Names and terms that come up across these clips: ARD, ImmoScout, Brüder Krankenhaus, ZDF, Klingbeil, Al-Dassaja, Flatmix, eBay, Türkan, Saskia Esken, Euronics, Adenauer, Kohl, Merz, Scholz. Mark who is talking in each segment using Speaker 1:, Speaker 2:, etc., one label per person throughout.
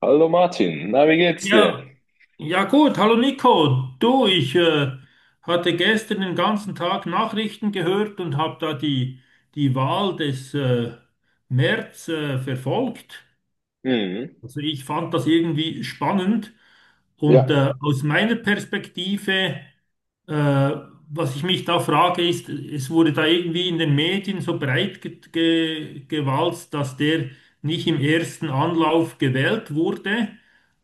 Speaker 1: Hallo Martin, na, wie geht's dir?
Speaker 2: Ja, ja gut, hallo Nico. Du, ich hatte gestern den ganzen Tag Nachrichten gehört und habe da die Wahl des Merz verfolgt.
Speaker 1: Mhm.
Speaker 2: Also ich fand das irgendwie spannend
Speaker 1: Ja,
Speaker 2: und aus meiner Perspektive, äh, was ich mich da frage, ist, es wurde da irgendwie in den Medien so breit ge ge gewalzt, dass der nicht im ersten Anlauf gewählt wurde.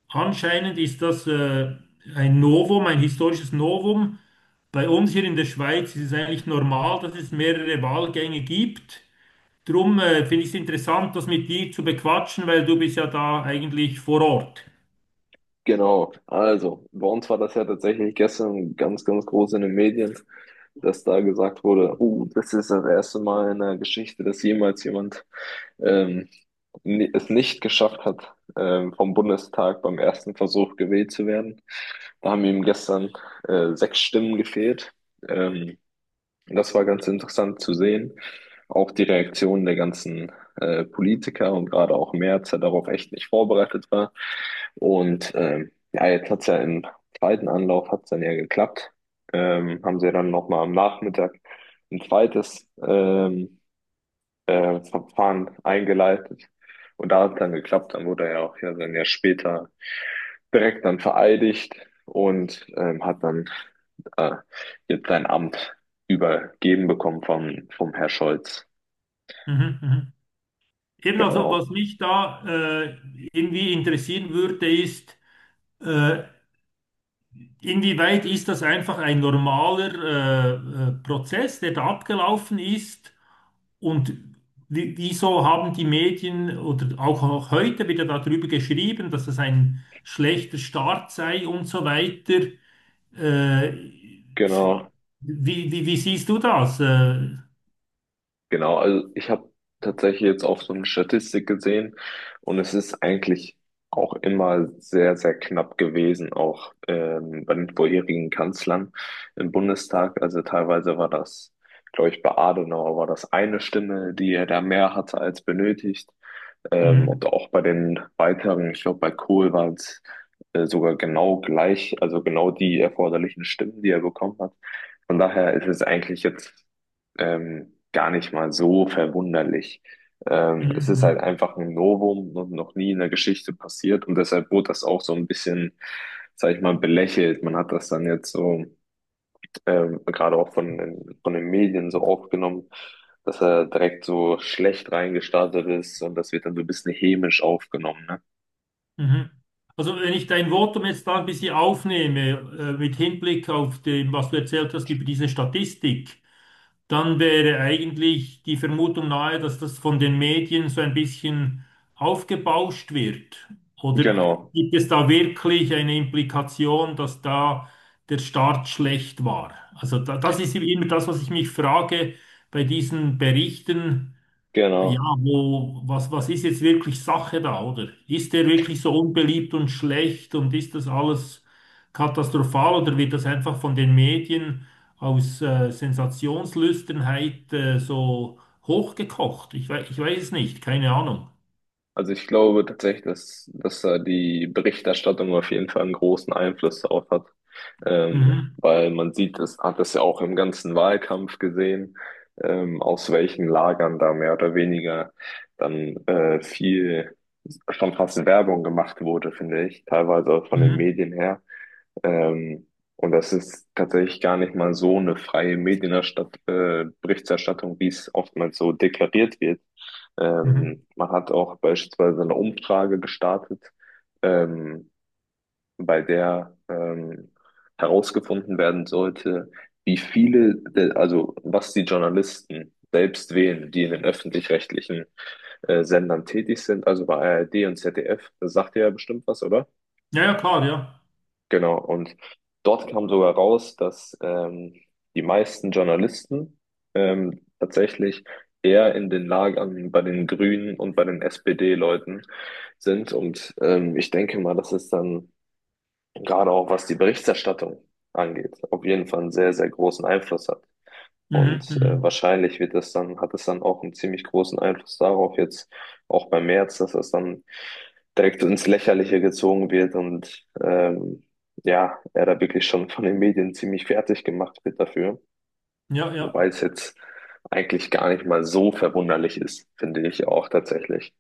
Speaker 2: Anscheinend ist das ein Novum, ein historisches Novum. Bei uns hier in der Schweiz ist es eigentlich normal, dass es mehrere Wahlgänge gibt. Drum finde ich es interessant, das mit dir zu bequatschen, weil du bist ja da eigentlich vor Ort.
Speaker 1: genau. Also, bei uns war das ja tatsächlich gestern ganz, ganz groß in den Medien, dass da gesagt wurde, das ist das erste Mal in der Geschichte, dass jemals jemand ähm, es nicht geschafft hat, vom Bundestag beim ersten Versuch gewählt zu werden. Da haben ihm gestern sechs Stimmen gefehlt. Ähm, Und das war ganz interessant zu sehen. Auch die Reaktion der ganzen Politiker und gerade auch Merz, der darauf echt nicht vorbereitet war. Und ja, jetzt hat es ja im zweiten Anlauf hat's dann ja geklappt. Haben sie dann nochmal am Nachmittag ein zweites Verfahren eingeleitet. Und da hat es dann geklappt. Dann wurde er ja auch ja dann ja später direkt dann vereidigt und hat dann äh, jetzt sein Amt übergeben bekommen vom Herr Scholz.
Speaker 2: Mhm, mhm. Eben also, was
Speaker 1: Genau,
Speaker 2: mich da äh, irgendwie interessieren würde, ist, äh, inwieweit ist das einfach ein normaler Prozess, der da abgelaufen ist? Und wieso haben die Medien oder auch heute wieder darüber geschrieben, dass es ein schlechter Start sei und so weiter? Äh,
Speaker 1: genau.
Speaker 2: Wie, wie siehst du das?
Speaker 1: Genau, also ich habe tatsächlich jetzt auch so eine Statistik gesehen und es ist eigentlich auch immer sehr, sehr knapp gewesen, auch bei den vorherigen Kanzlern im Bundestag. Also teilweise war das, glaube ich, bei Adenauer war das eine Stimme, die er da mehr hatte als benötigt. Und
Speaker 2: Mhm,
Speaker 1: auch bei den weiteren, ich glaube, bei Kohl waren es sogar genau gleich, also genau die erforderlichen Stimmen, die er bekommen hat. Von daher ist es eigentlich jetzt gar nicht mal so verwunderlich.
Speaker 2: mhm,
Speaker 1: Es ist halt
Speaker 2: mhm,
Speaker 1: einfach ein Novum und noch nie in der Geschichte passiert und deshalb wurde das auch so ein bisschen, sag ich mal, belächelt. Man hat das dann jetzt so gerade auch von den Medien so aufgenommen, dass er direkt so schlecht reingestartet ist und das wird dann so ein bisschen hämisch aufgenommen, ne?
Speaker 2: mhm. Also wenn ich dein Votum jetzt da ein bisschen aufnehme, mit Hinblick auf dem, was du erzählt hast über diese Statistik, dann wäre eigentlich die Vermutung nahe, dass das von den Medien so ein bisschen aufgebauscht wird. Oder
Speaker 1: Genau,
Speaker 2: gibt es da wirklich eine Implikation, dass da der Start schlecht war? Also das ist immer das, was ich mich frage bei diesen Berichten. Ja,
Speaker 1: genau.
Speaker 2: was, was ist jetzt wirklich Sache da, oder? Ist der wirklich so unbeliebt und schlecht und ist das alles katastrophal oder wird das einfach von den Medien aus Sensationslüsternheit so hochgekocht? Ich weiß es nicht, keine Ahnung.
Speaker 1: Also ich glaube tatsächlich, dass da die Berichterstattung auf jeden Fall einen großen Einfluss darauf hat,
Speaker 2: Mhm,
Speaker 1: weil man sieht, es hat es ja auch im ganzen Wahlkampf gesehen, aus welchen Lagern da mehr oder weniger dann viel schon fast Werbung gemacht wurde, finde ich, teilweise auch von den
Speaker 2: mhm,
Speaker 1: Medien her. Ähm, und das ist tatsächlich gar nicht mal so eine freie Medienerstatt Berichterstattung, wie es oftmals so deklariert wird.
Speaker 2: mhm.
Speaker 1: Man hat auch beispielsweise eine Umfrage gestartet, ähm, bei der herausgefunden werden sollte, wie viele, der, also was die Journalisten selbst wählen, die in den öffentlich-rechtlichen Sendern tätig sind, also bei ARD und ZDF. Das sagt ihr ja bestimmt was, oder?
Speaker 2: Ja, ja, klar, ja.
Speaker 1: Genau, und dort kam sogar raus, dass die meisten Journalisten tatsächlich eher in den Lagern bei den Grünen und bei den SPD-Leuten sind. Und ich denke mal, dass es dann gerade auch, was die Berichterstattung angeht, auf jeden Fall einen sehr, sehr großen Einfluss hat.
Speaker 2: Mhm,
Speaker 1: Und
Speaker 2: mhm.
Speaker 1: wahrscheinlich wird das dann, hat es dann auch einen ziemlich großen Einfluss darauf, jetzt auch bei Merz, dass das dann direkt ins Lächerliche gezogen wird und ja, er da wirklich schon von den Medien ziemlich fertig gemacht wird dafür.
Speaker 2: Ja,
Speaker 1: Wobei
Speaker 2: ja.
Speaker 1: es jetzt eigentlich gar nicht mal so verwunderlich ist, finde ich auch tatsächlich.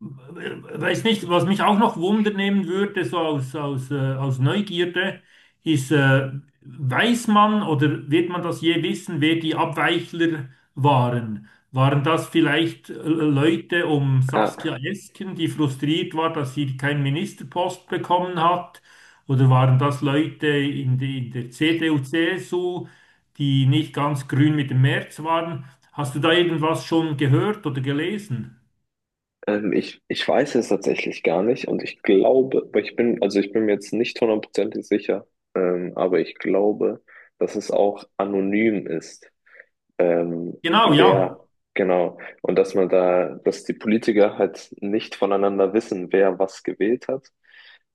Speaker 2: Weiß nicht, was mich auch noch Wunder nehmen würde, so aus Neugierde, ist, weiß man oder wird man das je wissen, wer die Abweichler waren? Waren das vielleicht Leute um
Speaker 1: Ja,
Speaker 2: Saskia Esken, die frustriert war, dass sie keinen Ministerpost bekommen hat? Oder waren das Leute in der CDU, CSU, die nicht ganz grün mit dem März waren? Hast du da irgendwas schon gehört oder gelesen?
Speaker 1: ich weiß es tatsächlich gar nicht und ich glaube, aber ich bin, also ich bin mir jetzt nicht hundertprozentig sicher, aber ich glaube, dass es auch anonym ist. ähm,
Speaker 2: Genau, ja.
Speaker 1: wer, genau. Und dass man da, dass die Politiker halt nicht voneinander wissen, wer was gewählt hat.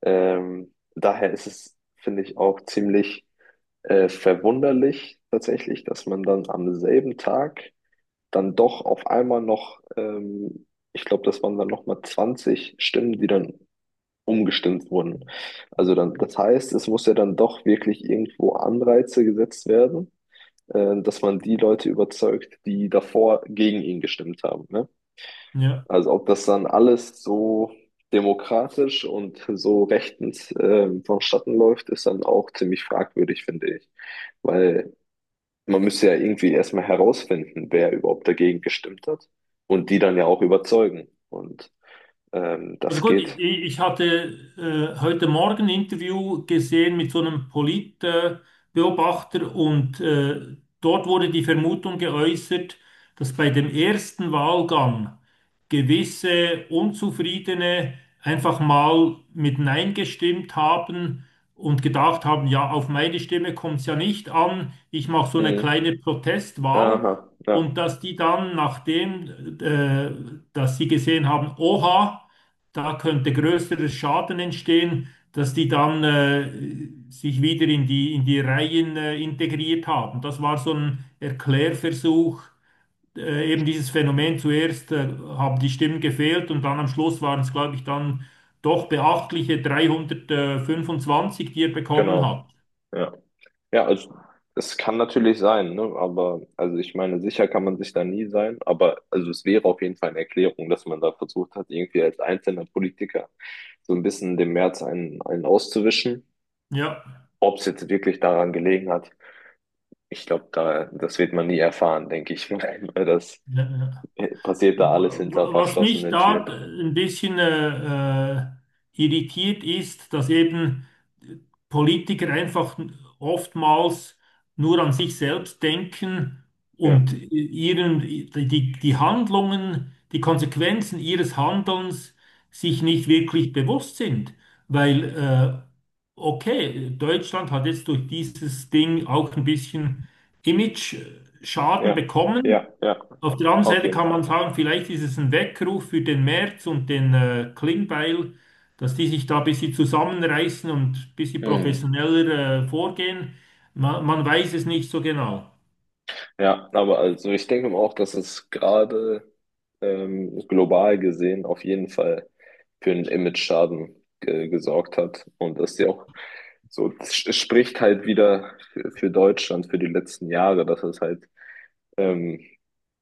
Speaker 1: Daher ist es, finde ich, auch ziemlich verwunderlich tatsächlich, dass man dann am selben Tag dann doch auf einmal noch, ich glaube, das waren dann nochmal 20 Stimmen, die dann umgestimmt wurden. Also dann, das heißt, es muss ja dann doch wirklich irgendwo Anreize gesetzt werden, dass man die Leute überzeugt, die davor gegen ihn gestimmt haben. Ne?
Speaker 2: Ja.
Speaker 1: Also ob das dann alles so demokratisch und so rechtens vonstatten läuft, ist dann auch ziemlich fragwürdig, finde ich. Weil man müsste ja irgendwie erstmal herausfinden, wer überhaupt dagegen gestimmt hat und die dann ja auch überzeugen. Und
Speaker 2: Also
Speaker 1: das
Speaker 2: gut,
Speaker 1: geht.
Speaker 2: ich hatte heute Morgen ein Interview gesehen mit so einem Politbeobachter Beobachter und dort wurde die Vermutung geäußert, dass bei dem ersten Wahlgang gewisse Unzufriedene einfach mal mit Nein gestimmt haben und gedacht haben, ja, auf meine Stimme kommt es ja nicht an, ich mache so eine
Speaker 1: Mhm.
Speaker 2: kleine Protestwahl
Speaker 1: Aha, ja.
Speaker 2: und dass die dann, nachdem dass sie gesehen haben, oha, da könnte größerer Schaden entstehen, dass die dann sich wieder in in die Reihen integriert haben. Das war so ein Erklärversuch, eben dieses Phänomen. Zuerst haben die Stimmen gefehlt und dann am Schluss waren es, glaube ich, dann doch beachtliche 325, die er bekommen
Speaker 1: Genau.
Speaker 2: hat.
Speaker 1: Ja. Ja, also es kann natürlich sein, ne? Aber also ich meine, sicher kann man sich da nie sein, aber also es wäre auf jeden Fall eine Erklärung, dass man da versucht hat, irgendwie als einzelner Politiker so ein bisschen dem März einen auszuwischen.
Speaker 2: Ja.
Speaker 1: Ob es jetzt wirklich daran gelegen hat, ich glaube, da, das wird man nie erfahren, denke ich mal. Weil das
Speaker 2: Ja, ja.
Speaker 1: passiert da alles hinter
Speaker 2: Was mich
Speaker 1: verschlossenen
Speaker 2: da
Speaker 1: Türen.
Speaker 2: ein bisschen irritiert ist, dass eben Politiker einfach oftmals nur an sich selbst denken
Speaker 1: Ja,
Speaker 2: und die Handlungen, die Konsequenzen ihres Handelns sich nicht wirklich bewusst sind. Weil, okay, Deutschland hat jetzt durch dieses Ding auch ein bisschen Image-Schaden
Speaker 1: ja,
Speaker 2: bekommen.
Speaker 1: ja, ja,
Speaker 2: Auf der anderen
Speaker 1: auf
Speaker 2: Seite
Speaker 1: jeden
Speaker 2: kann man
Speaker 1: Fall.
Speaker 2: sagen, vielleicht ist es ein Weckruf für den Merz und den Klingbeil, dass die sich da ein bisschen zusammenreißen und ein bisschen
Speaker 1: Mhm.
Speaker 2: professioneller vorgehen. Man weiß es nicht so genau.
Speaker 1: Ja, aber also ich denke auch, dass es gerade global gesehen auf jeden Fall für einen Image-Schaden gesorgt hat. Und das ist ja auch so, es spricht halt wieder für Deutschland für die letzten Jahre, dass es halt ähm,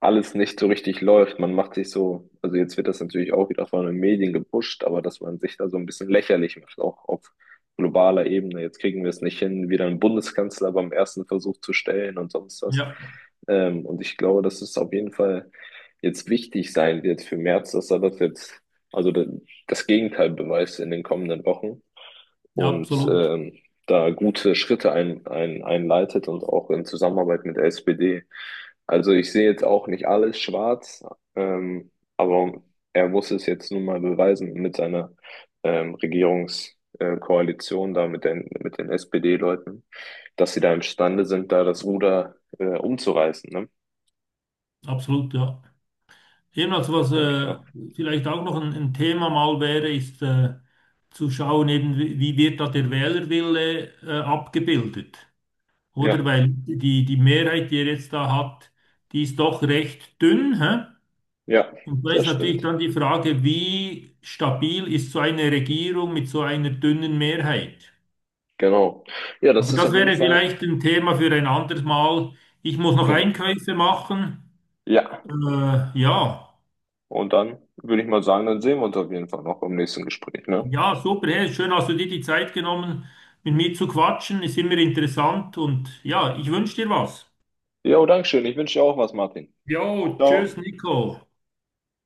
Speaker 1: alles nicht so richtig läuft. Man macht sich so, also jetzt wird das natürlich auch wieder von den Medien gepusht, aber dass man sich da so ein bisschen lächerlich macht, auch auf globaler Ebene. Jetzt kriegen wir es nicht hin, wieder einen Bundeskanzler beim ersten Versuch zu stellen und sonst was.
Speaker 2: Ja,
Speaker 1: Und ich glaube, dass es auf jeden Fall jetzt wichtig sein wird für Merz, dass er das jetzt, also das Gegenteil beweist in den kommenden Wochen.
Speaker 2: ja,
Speaker 1: Und
Speaker 2: absolut,
Speaker 1: da gute Schritte einleitet und auch in Zusammenarbeit mit der SPD. Also ich sehe jetzt auch nicht alles schwarz, ähm, aber er muss es jetzt nun mal beweisen mit seiner Regierungskoalition da mit den SPD-Leuten, dass sie da imstande sind, da das Ruder umzureißen. Ne?
Speaker 2: absolut, ja. Ebenfalls,
Speaker 1: Das
Speaker 2: was
Speaker 1: denke ich auch.
Speaker 2: vielleicht auch noch ein Thema mal wäre, ist zu schauen, eben, wie wird da der Wählerwille abgebildet.
Speaker 1: Ja,
Speaker 2: Oder weil die Mehrheit, die er jetzt da hat, die ist doch recht dünn, hä?
Speaker 1: ja,
Speaker 2: Und da
Speaker 1: das
Speaker 2: ist natürlich
Speaker 1: stimmt.
Speaker 2: dann die Frage, wie stabil ist so eine Regierung mit so einer dünnen Mehrheit?
Speaker 1: Genau. Ja, das
Speaker 2: Aber
Speaker 1: ist
Speaker 2: das
Speaker 1: auf jeden
Speaker 2: wäre
Speaker 1: Fall,
Speaker 2: vielleicht ein Thema für ein anderes Mal. Ich muss noch
Speaker 1: genau.
Speaker 2: Einkäufe machen.
Speaker 1: Ja.
Speaker 2: Ja,
Speaker 1: Und dann würde ich mal sagen, dann sehen wir uns auf jeden Fall noch im nächsten Gespräch, ne?
Speaker 2: ja, super. Hey, schön, hast du dir die Zeit genommen, mit mir zu quatschen. Ist immer interessant und ja, ich wünsche dir was.
Speaker 1: Jo, Dankeschön. Ich wünsche dir auch was, Martin.
Speaker 2: Jo, tschüss,
Speaker 1: Ciao.
Speaker 2: Nico.